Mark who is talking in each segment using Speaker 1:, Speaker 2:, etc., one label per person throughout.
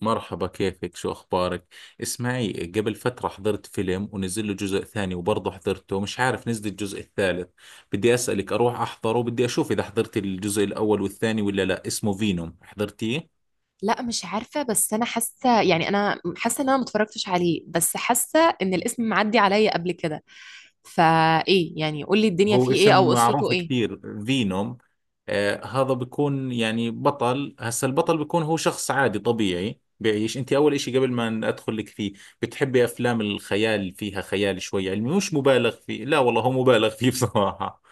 Speaker 1: مرحبا، كيفك؟ شو أخبارك؟ اسمعي، قبل فترة حضرت فيلم ونزل له جزء ثاني وبرضه حضرته، مش عارف نزل الجزء الثالث. بدي أسألك أروح أحضره، بدي أشوف إذا حضرت الجزء الأول والثاني ولا لا. اسمه فينوم، حضرتيه؟
Speaker 2: لا، مش عارفة. بس أنا حاسة، يعني حاسة إن أنا متفرجتش عليه، بس حاسة إن الاسم معدي عليا قبل كده. فإيه يعني؟ قولي الدنيا
Speaker 1: هو
Speaker 2: فيه إيه
Speaker 1: اسم
Speaker 2: أو قصته
Speaker 1: معروف
Speaker 2: إيه؟
Speaker 1: كثير، فينوم. آه، هذا بيكون يعني بطل. هسا البطل بيكون هو شخص عادي طبيعي بيعيش. انت اول اشي قبل ما ادخل لك فيه، بتحبي افلام الخيال فيها خيال شوي علمي مش مبالغ فيه؟ لا والله هو مبالغ فيه بصراحة.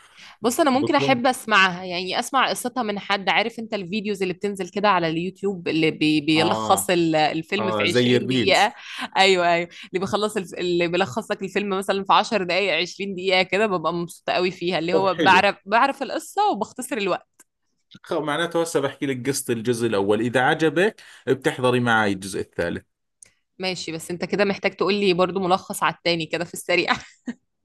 Speaker 2: بص أنا ممكن
Speaker 1: بكون.
Speaker 2: أحب أسمعها، يعني أسمع قصتها من حد عارف. أنت الفيديوز اللي بتنزل كده على اليوتيوب اللي بيلخص
Speaker 1: اه
Speaker 2: الفيلم في
Speaker 1: اه، زي
Speaker 2: 20 دقيقة.
Speaker 1: الريلز.
Speaker 2: أيوه أيوه، اللي اللي بيلخص لك الفيلم مثلا في 10 دقايق، 20 دقيقة كده، ببقى مبسوطة قوي فيها، اللي
Speaker 1: طب
Speaker 2: هو
Speaker 1: حلو.
Speaker 2: بعرف القصة وبختصر الوقت.
Speaker 1: معناته هسه بحكي لك قصة الجزء الأول، إذا عجبك بتحضري معي الجزء الثالث.
Speaker 2: ماشي، بس انت كده محتاج تقول لي برضو ملخص على التاني كده في السريع.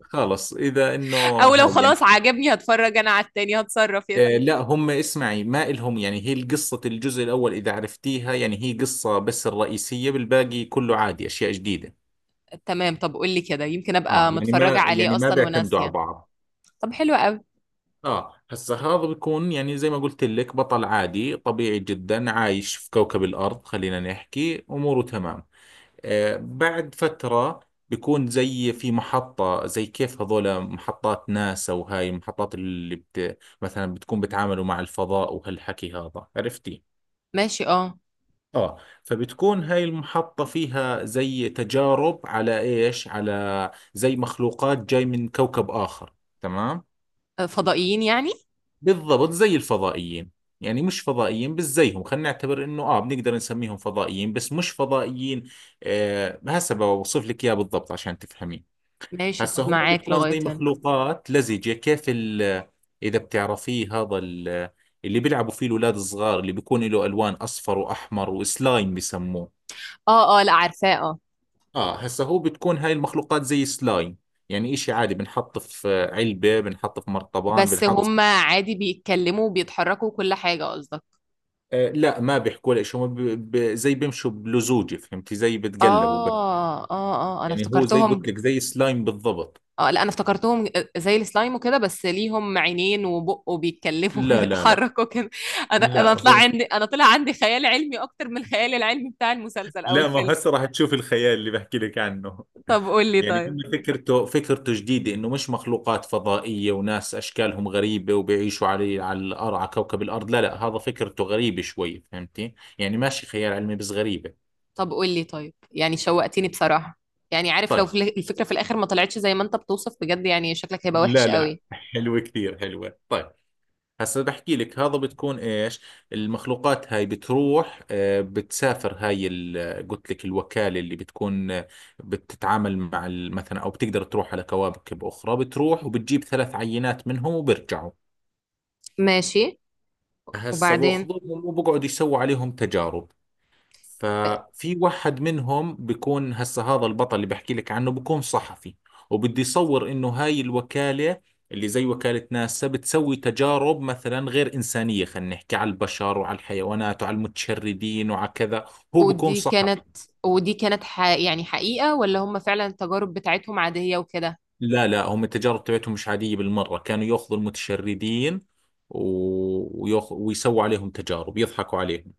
Speaker 1: خلص إذا إنه.
Speaker 2: او لو
Speaker 1: هاي يعني.
Speaker 2: خلاص عجبني هتفرج انا على التاني، هتصرف يا
Speaker 1: آه
Speaker 2: سيدي.
Speaker 1: لا هم. اسمعي، ما إلهم يعني، هي قصة الجزء الأول إذا عرفتيها، يعني هي قصة بس الرئيسية، بالباقي كله عادي أشياء جديدة.
Speaker 2: تمام، طب قول لي كده، يمكن
Speaker 1: اه،
Speaker 2: ابقى
Speaker 1: يعني
Speaker 2: متفرجة
Speaker 1: ما
Speaker 2: عليه اصلا
Speaker 1: بيعتمدوا على
Speaker 2: وناسية.
Speaker 1: بعض.
Speaker 2: طب حلو قوي.
Speaker 1: اه هسا، هذا بيكون يعني زي ما قلت لك بطل عادي طبيعي جدا عايش في كوكب الأرض، خلينا نحكي أموره تمام. بعد فترة بيكون زي في محطة، زي كيف هذول محطات ناسا، وهاي المحطات اللي مثلا بتكون بتعاملوا مع الفضاء وهالحكي هذا، عرفتي؟
Speaker 2: ماشي، اه.
Speaker 1: اه. فبتكون هاي المحطة فيها زي تجارب على ايش؟ على زي مخلوقات جاي من كوكب آخر. تمام؟
Speaker 2: فضائيين يعني.
Speaker 1: بالضبط، زي الفضائيين. يعني مش فضائيين بس زيهم، خلينا نعتبر انه اه بنقدر نسميهم فضائيين بس مش فضائيين. آه هسه بوصف لك اياه بالضبط عشان تفهمي.
Speaker 2: ماشي
Speaker 1: هسه
Speaker 2: طب،
Speaker 1: هم
Speaker 2: معاك
Speaker 1: بتكون
Speaker 2: لغاية
Speaker 1: زي
Speaker 2: هنا.
Speaker 1: مخلوقات لزجة، كيف ال. إذا بتعرفيه هذا ال، اللي بيلعبوا فيه الأولاد الصغار، اللي بيكون له ألوان أصفر وأحمر، وسلايم بسموه.
Speaker 2: اه اه، لا عارفاه، اه.
Speaker 1: آه هسه هو بتكون هاي المخلوقات زي سلايم. يعني إشي عادي، بنحط في علبة، بنحط في مرطبان،
Speaker 2: بس هم
Speaker 1: بنحط.
Speaker 2: عادي بيتكلموا وبيتحركوا وكل حاجة قصدك؟
Speaker 1: آه لا، ما بيحكوا لك. زي بيمشوا بلزوجة، فهمتي؟ زي بتقلبوا.
Speaker 2: اه اه، اه انا
Speaker 1: يعني هو زي
Speaker 2: افتكرتهم.
Speaker 1: قلت لك، زي سلايم بالضبط.
Speaker 2: اه لا انا افتكرتهم، زي السلايم وكده، بس ليهم عينين وبق وبيتكلموا
Speaker 1: لا لا لا.
Speaker 2: وبيتحركوا كده. انا
Speaker 1: لا
Speaker 2: انا طلع
Speaker 1: هو.
Speaker 2: عندي، طلع عندي خيال علمي اكتر من الخيال العلمي بتاع المسلسل او
Speaker 1: لا، ما
Speaker 2: الفيلم.
Speaker 1: هسه راح تشوف الخيال اللي بحكي لك عنه.
Speaker 2: طب قول لي
Speaker 1: يعني
Speaker 2: طيب.
Speaker 1: هم فكرته فكرته جديدة، انه مش مخلوقات فضائية وناس اشكالهم غريبة وبيعيشوا على على الارض، على كوكب الارض. لا لا، هذا فكرته غريبة شوي، فهمتي؟ يعني ماشي خيال علمي بس غريبة.
Speaker 2: طب قول لي طيب، يعني شوقتني بصراحة. يعني عارف لو
Speaker 1: طيب.
Speaker 2: في الفكرة في الاخر ما طلعتش زي ما انت بتوصف بجد، يعني شكلك هيبقى وحش
Speaker 1: لا لا،
Speaker 2: قوي.
Speaker 1: حلوة كثير حلوة، طيب. هسا بحكي لك. هذا بتكون ايش؟ المخلوقات هاي بتروح، بتسافر. هاي قلت لك الوكالة اللي بتكون، بتتعامل مع مثلا، او بتقدر تروح على كواكب اخرى. بتروح وبتجيب ثلاث عينات منهم وبرجعوا.
Speaker 2: ماشي،
Speaker 1: هسه
Speaker 2: وبعدين؟
Speaker 1: باخذوهم وبقعد يسووا عليهم تجارب.
Speaker 2: آه.
Speaker 1: ففي واحد منهم بيكون، هسه هذا البطل اللي بحكي لك عنه، بيكون صحفي. وبده يصور انه هاي الوكالة اللي زي وكالة ناسا بتسوي تجارب مثلا غير إنسانية، خلينا نحكي، على البشر وعلى الحيوانات وعلى المتشردين وعلى كذا. هو بيكون
Speaker 2: ودي
Speaker 1: صحفي.
Speaker 2: كانت ودي كانت يعني حقيقة، ولا هم فعلا التجارب بتاعتهم عادية وكده؟
Speaker 1: لا لا، هم التجارب تبعتهم مش عادية بالمرة، كانوا ياخذوا المتشردين، ويسووا عليهم تجارب يضحكوا عليهم.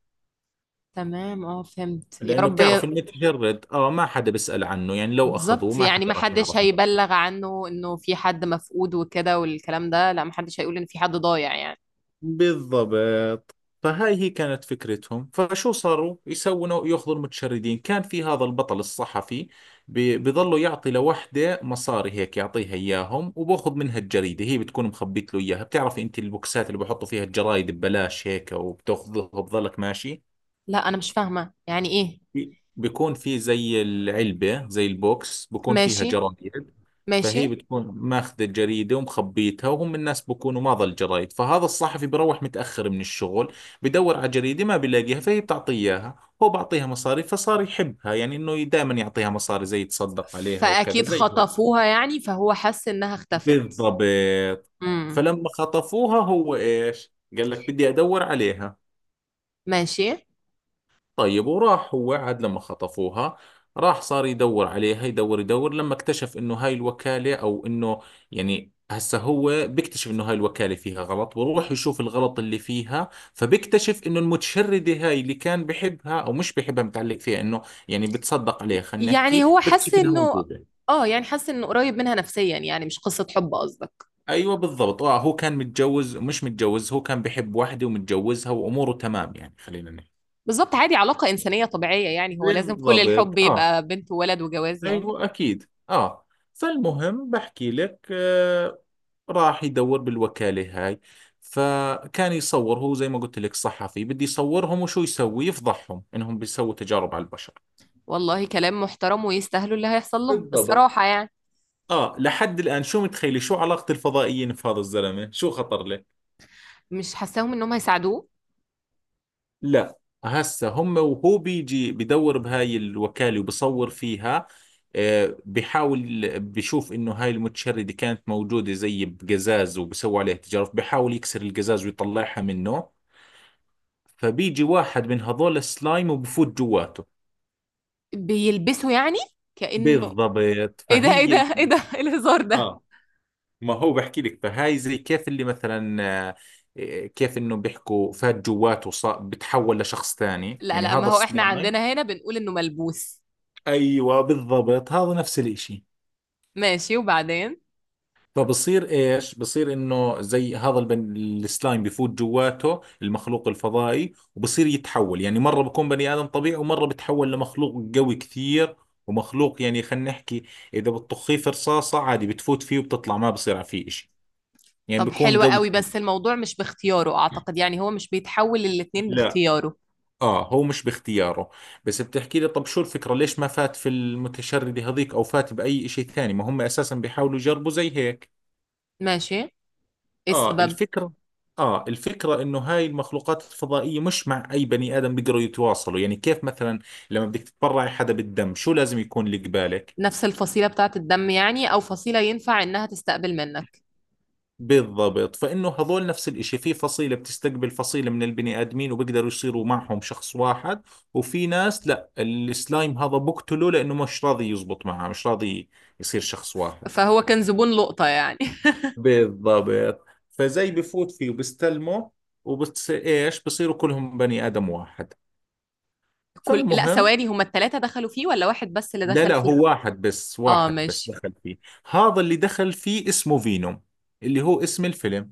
Speaker 2: تمام اه، فهمت يا
Speaker 1: لانه
Speaker 2: رب.
Speaker 1: بتعرف، المتجرد ما حدا بيسأل عنه، يعني لو اخذوه
Speaker 2: بالظبط،
Speaker 1: ما
Speaker 2: يعني
Speaker 1: حدا
Speaker 2: ما
Speaker 1: راح
Speaker 2: حدش
Speaker 1: يعرف عنه.
Speaker 2: هيبلغ عنه انه في حد مفقود وكده والكلام ده، لا، ما حدش هيقول ان في حد ضايع يعني.
Speaker 1: بالضبط، فهاي هي كانت فكرتهم. فشو صاروا يسووا؟ ياخذوا المتشردين. كان في هذا البطل الصحفي بيظلوا يعطي لوحده مصاري هيك يعطيها اياهم، وباخذ منها الجريدة. هي بتكون مخبيت له اياها. بتعرفي انت البوكسات اللي بحطوا فيها الجرايد ببلاش هيك؟ وبتاخذها وبظلك ماشي.
Speaker 2: لا انا مش فاهمة يعني ايه.
Speaker 1: بيكون في زي العلبة، زي البوكس، بيكون فيها
Speaker 2: ماشي.
Speaker 1: جرايد.
Speaker 2: ماشي.
Speaker 1: فهي بتكون ماخذة الجريدة ومخبيتها، وهم الناس بكونوا ماضى الجرايد، فهذا الصحفي بروح متأخر من الشغل بدور على جريدة ما بيلاقيها، فهي بتعطيه إياها. هو بعطيها مصاري، فصار يحبها، يعني إنه دائما يعطيها مصاري، زي يتصدق عليها وكذا
Speaker 2: فاكيد
Speaker 1: زي هيك.
Speaker 2: خطفوها يعني، فهو حس انها اختفت.
Speaker 1: بالضبط.
Speaker 2: امم.
Speaker 1: فلما خطفوها هو إيش، قال لك بدي أدور عليها.
Speaker 2: ماشي.
Speaker 1: طيب، وراح. هو عاد لما خطفوها، راح صار يدور عليها، يدور يدور، لما اكتشف انه هاي الوكالة، او انه، يعني هسه هو بيكتشف انه هاي الوكالة فيها غلط، ويروح يشوف الغلط اللي فيها. فبيكتشف انه المتشردة هاي اللي كان بحبها، او مش بحبها، متعلق فيها انه، يعني بتصدق عليها، خلينا
Speaker 2: يعني
Speaker 1: نحكي،
Speaker 2: هو حس
Speaker 1: بيكتشف انها
Speaker 2: انه،
Speaker 1: موجودة.
Speaker 2: اه، يعني حس انه قريب منها نفسيا، يعني مش قصة حب قصدك؟
Speaker 1: ايوه بالضبط. اه هو كان متجوز، مش متجوز، هو كان بحب واحدة ومتجوزها، واموره تمام يعني، خلينا نحكي.
Speaker 2: بالظبط، عادي علاقة انسانية طبيعية، يعني هو لازم كل الحب
Speaker 1: بالضبط، اه.
Speaker 2: يبقى بنت وولد وجواز يعني؟
Speaker 1: ايوه، اكيد، اه. فالمهم، بحكي لك. راح يدور بالوكالة هاي، فكان يصور، هو زي ما قلت لك صحفي، بدي يصورهم. وشو يسوي؟ يفضحهم انهم بيسووا تجارب على البشر.
Speaker 2: والله كلام محترم، ويستاهلوا اللي هيحصل لهم
Speaker 1: بالضبط.
Speaker 2: الصراحة يعني.
Speaker 1: اه، لحد الان، شو متخيلي شو علاقة الفضائيين في هذا الزلمة؟ شو خطر؟
Speaker 2: مش حاساهم انهم هيساعدوه.
Speaker 1: لا. هسه هم، وهو بيجي بدور بهاي الوكالة وبصور فيها، بحاول بشوف انه هاي المتشردة كانت موجودة زي بقزاز، وبسوي عليها تجارب. بحاول يكسر القزاز ويطلعها منه، فبيجي واحد من هذول السلايم وبفوت جواته.
Speaker 2: بيلبسوا يعني؟ كأنه.
Speaker 1: بالضبط،
Speaker 2: ايه ده ايه
Speaker 1: فهي
Speaker 2: ده ايه
Speaker 1: يعني.
Speaker 2: ده إيه الهزار ده؟
Speaker 1: اه، ما هو بحكي لك، فهاي زي كيف اللي مثلا، آه، كيف انه بيحكوا، فات جواته صار بتحول لشخص ثاني،
Speaker 2: لا
Speaker 1: يعني
Speaker 2: لا، ما
Speaker 1: هذا
Speaker 2: هو احنا
Speaker 1: السلايم.
Speaker 2: عندنا هنا بنقول انه ملبوس.
Speaker 1: ايوه بالضبط، هذا نفس الاشي.
Speaker 2: ماشي، وبعدين؟
Speaker 1: فبصير ايش، بصير انه زي هذا السلايم بفوت جواته المخلوق الفضائي، وبصير يتحول، يعني مرة بكون بني ادم طبيعي، ومرة بتحول لمخلوق قوي كثير. ومخلوق يعني، خلينا نحكي، اذا بتطخيه في رصاصة عادي بتفوت فيه وبتطلع، ما بصير فيه اشي. يعني
Speaker 2: طب
Speaker 1: بكون
Speaker 2: حلو
Speaker 1: قوي.
Speaker 2: قوي، بس الموضوع مش باختياره اعتقد، يعني هو مش بيتحول للاتنين
Speaker 1: لا.
Speaker 2: باختياره.
Speaker 1: اه، هو مش باختياره. بس بتحكي لي طب شو الفكرة، ليش ما فات في المتشردة هذيك؟ او فات باي اشي ثاني؟ ما هم اساسا بيحاولوا يجربوا زي هيك.
Speaker 2: ماشي، ايه
Speaker 1: اه،
Speaker 2: السبب؟
Speaker 1: الفكرة. اه، الفكرة انه هاي المخلوقات الفضائية مش مع اي بني ادم بيقدروا يتواصلوا. يعني كيف مثلا لما بدك تتبرعي حدا بالدم، شو لازم يكون اللي قبالك؟
Speaker 2: نفس الفصيلة بتاعة الدم يعني، او فصيلة ينفع انها تستقبل منك.
Speaker 1: بالضبط، فانه هذول نفس الاشي، في فصيلة بتستقبل فصيلة من البني ادمين، وبيقدروا يصيروا معهم شخص واحد. وفي ناس لا، السلايم هذا بقتله لانه مش راضي يزبط معه، مش راضي يصير شخص واحد.
Speaker 2: فهو كان زبون لقطة يعني.
Speaker 1: بالضبط. فزي بفوت فيه وبستلمه، وبتصير ايش، بصيروا كلهم بني ادم واحد.
Speaker 2: كل، لا
Speaker 1: فالمهم.
Speaker 2: ثواني، هما التلاتة دخلوا فيه ولا واحد بس اللي
Speaker 1: لا
Speaker 2: دخل
Speaker 1: لا،
Speaker 2: فيه؟
Speaker 1: هو واحد بس،
Speaker 2: اه
Speaker 1: واحد بس
Speaker 2: ماشي.
Speaker 1: دخل فيه. هذا اللي دخل فيه اسمه فينوم، اللي هو اسم الفيلم.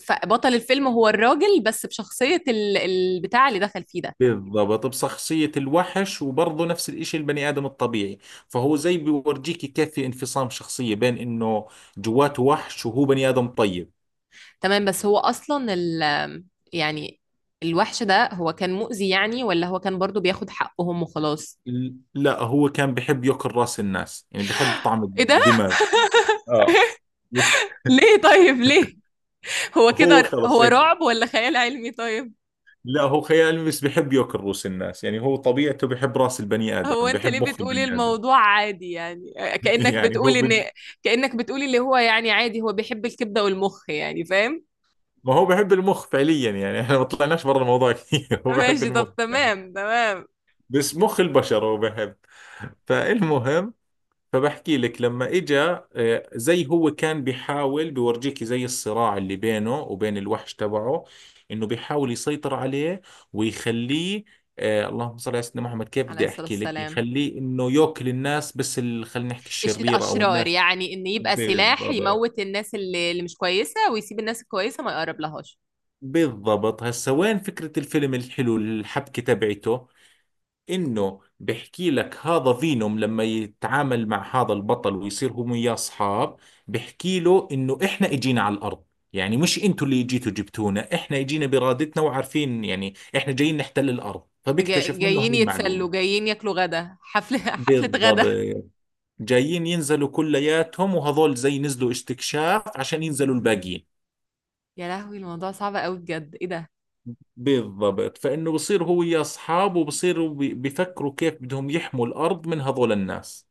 Speaker 2: فبطل الفيلم هو الراجل، بس بشخصية البتاع اللي دخل فيه ده؟
Speaker 1: بالضبط، بشخصية الوحش، وبرضه نفس الإشي البني آدم الطبيعي. فهو زي بيورجيك كيف في انفصام شخصية بين إنه جواته وحش، وهو بني آدم طيب.
Speaker 2: تمام، بس هو أصلا يعني الوحش ده هو كان مؤذي يعني، ولا هو كان برضو بياخد حقهم وخلاص؟
Speaker 1: لا، هو كان بحب يأكل رأس الناس، يعني بحب طعم
Speaker 2: ايه ده؟
Speaker 1: الدماغ. اه بس.
Speaker 2: ليه طيب ليه؟ هو
Speaker 1: هو
Speaker 2: كده
Speaker 1: خلص
Speaker 2: هو
Speaker 1: هيك.
Speaker 2: رعب ولا خيال علمي طيب؟
Speaker 1: لا هو خيال، بس بحب يأكل رؤوس الناس، يعني هو طبيعته بحب رأس البني آدم،
Speaker 2: هو انت
Speaker 1: بحب
Speaker 2: ليه
Speaker 1: مخ
Speaker 2: بتقولي
Speaker 1: البني آدم.
Speaker 2: الموضوع عادي يعني؟ كأنك
Speaker 1: يعني هو
Speaker 2: بتقولي ان،
Speaker 1: بن...
Speaker 2: كأنك بتقولي اللي هو يعني عادي، هو بيحب الكبدة والمخ يعني، فاهم؟
Speaker 1: ما هو بحب المخ فعليا يعني، احنا ما طلعناش برا الموضوع كثير، هو بحب
Speaker 2: ماشي طب،
Speaker 1: المخ يعني.
Speaker 2: تمام تمام.
Speaker 1: بس مخ البشر هو بحب. فالمهم، فبحكي لك لما اجى، زي هو كان بيحاول بيورجيك، زي الصراع اللي بينه وبين الوحش تبعه، انه بيحاول يسيطر عليه ويخليه، اللهم صل على سيدنا محمد، كيف
Speaker 2: عليه
Speaker 1: بدي
Speaker 2: الصلاة
Speaker 1: احكي لك،
Speaker 2: والسلام.
Speaker 1: يخليه انه ياكل الناس بس خلينا نحكي الشريرة، او
Speaker 2: الأشرار
Speaker 1: الناس.
Speaker 2: يعني، إن يبقى سلاح
Speaker 1: بالضبط،
Speaker 2: يموت الناس اللي مش كويسة، ويسيب الناس الكويسة ما يقرب لهاش.
Speaker 1: بالضبط. هسا وين فكرة الفيلم الحلو، الحبكة تبعته، انه بحكي لك هذا فينوم لما يتعامل مع هذا البطل ويصير هم وياه اصحاب، بحكي له انه احنا اجينا على الارض. يعني مش انتوا اللي جيتوا جبتونا، احنا اجينا بارادتنا وعارفين يعني احنا جايين نحتل الارض. فبيكتشف منه
Speaker 2: جايين
Speaker 1: هاي
Speaker 2: يتسلوا،
Speaker 1: المعلومة.
Speaker 2: جايين ياكلوا غدا، حفلة حفلة
Speaker 1: بالضبط،
Speaker 2: غدا.
Speaker 1: جايين ينزلوا كلياتهم، وهذول زي نزلوا استكشاف عشان ينزلوا الباقيين.
Speaker 2: يا لهوي، الموضوع صعب قوي بجد، إيه ده؟
Speaker 1: بالضبط، فإنه بصير هو ويا أصحابه بصيروا بيفكروا كيف بدهم يحموا الأرض من هذول الناس.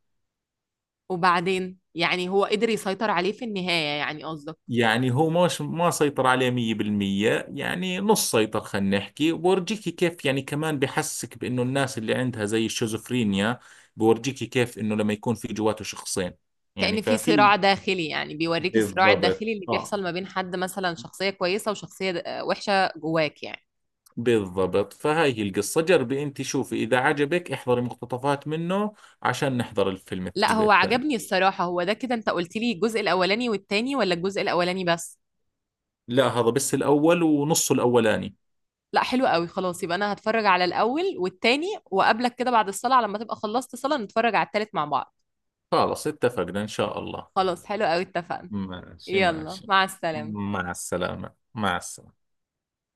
Speaker 2: وبعدين يعني هو قدر يسيطر عليه في النهاية يعني قصدك؟
Speaker 1: يعني هو مش ما سيطر عليه 100%، يعني نص سيطر خلينا نحكي، وبورجيكي كيف، يعني كمان بحسك بإنه الناس اللي عندها زي الشيزوفرينيا. بورجيكي كيف إنه لما يكون في جواته شخصين.
Speaker 2: كأن
Speaker 1: يعني
Speaker 2: في
Speaker 1: ففي.
Speaker 2: صراع داخلي يعني، بيوريك الصراع
Speaker 1: بالضبط،
Speaker 2: الداخلي اللي
Speaker 1: آه.
Speaker 2: بيحصل ما بين حد مثلا شخصية كويسة وشخصية وحشة جواك يعني.
Speaker 1: بالضبط، فهاي هي القصة. جربي أنت، شوفي إذا عجبك احضري مقتطفات منه عشان نحضر الفيلم
Speaker 2: لا
Speaker 1: الجزء
Speaker 2: هو
Speaker 1: الثاني.
Speaker 2: عجبني الصراحة. هو ده كده، انت قلت لي الجزء الأولاني والتاني، ولا الجزء الأولاني بس؟
Speaker 1: لا، هذا بس الأول، ونصه الأولاني.
Speaker 2: لا حلو قوي، خلاص يبقى انا هتفرج على الاول والتاني، وقابلك كده بعد الصلاة لما تبقى خلصت صلاة نتفرج على التالت مع بعض.
Speaker 1: خلاص اتفقنا إن شاء الله.
Speaker 2: خلاص حلو قوي، اتفقنا.
Speaker 1: ماشي
Speaker 2: يلا
Speaker 1: ماشي.
Speaker 2: مع السلامة.
Speaker 1: مع السلامة، مع السلامة.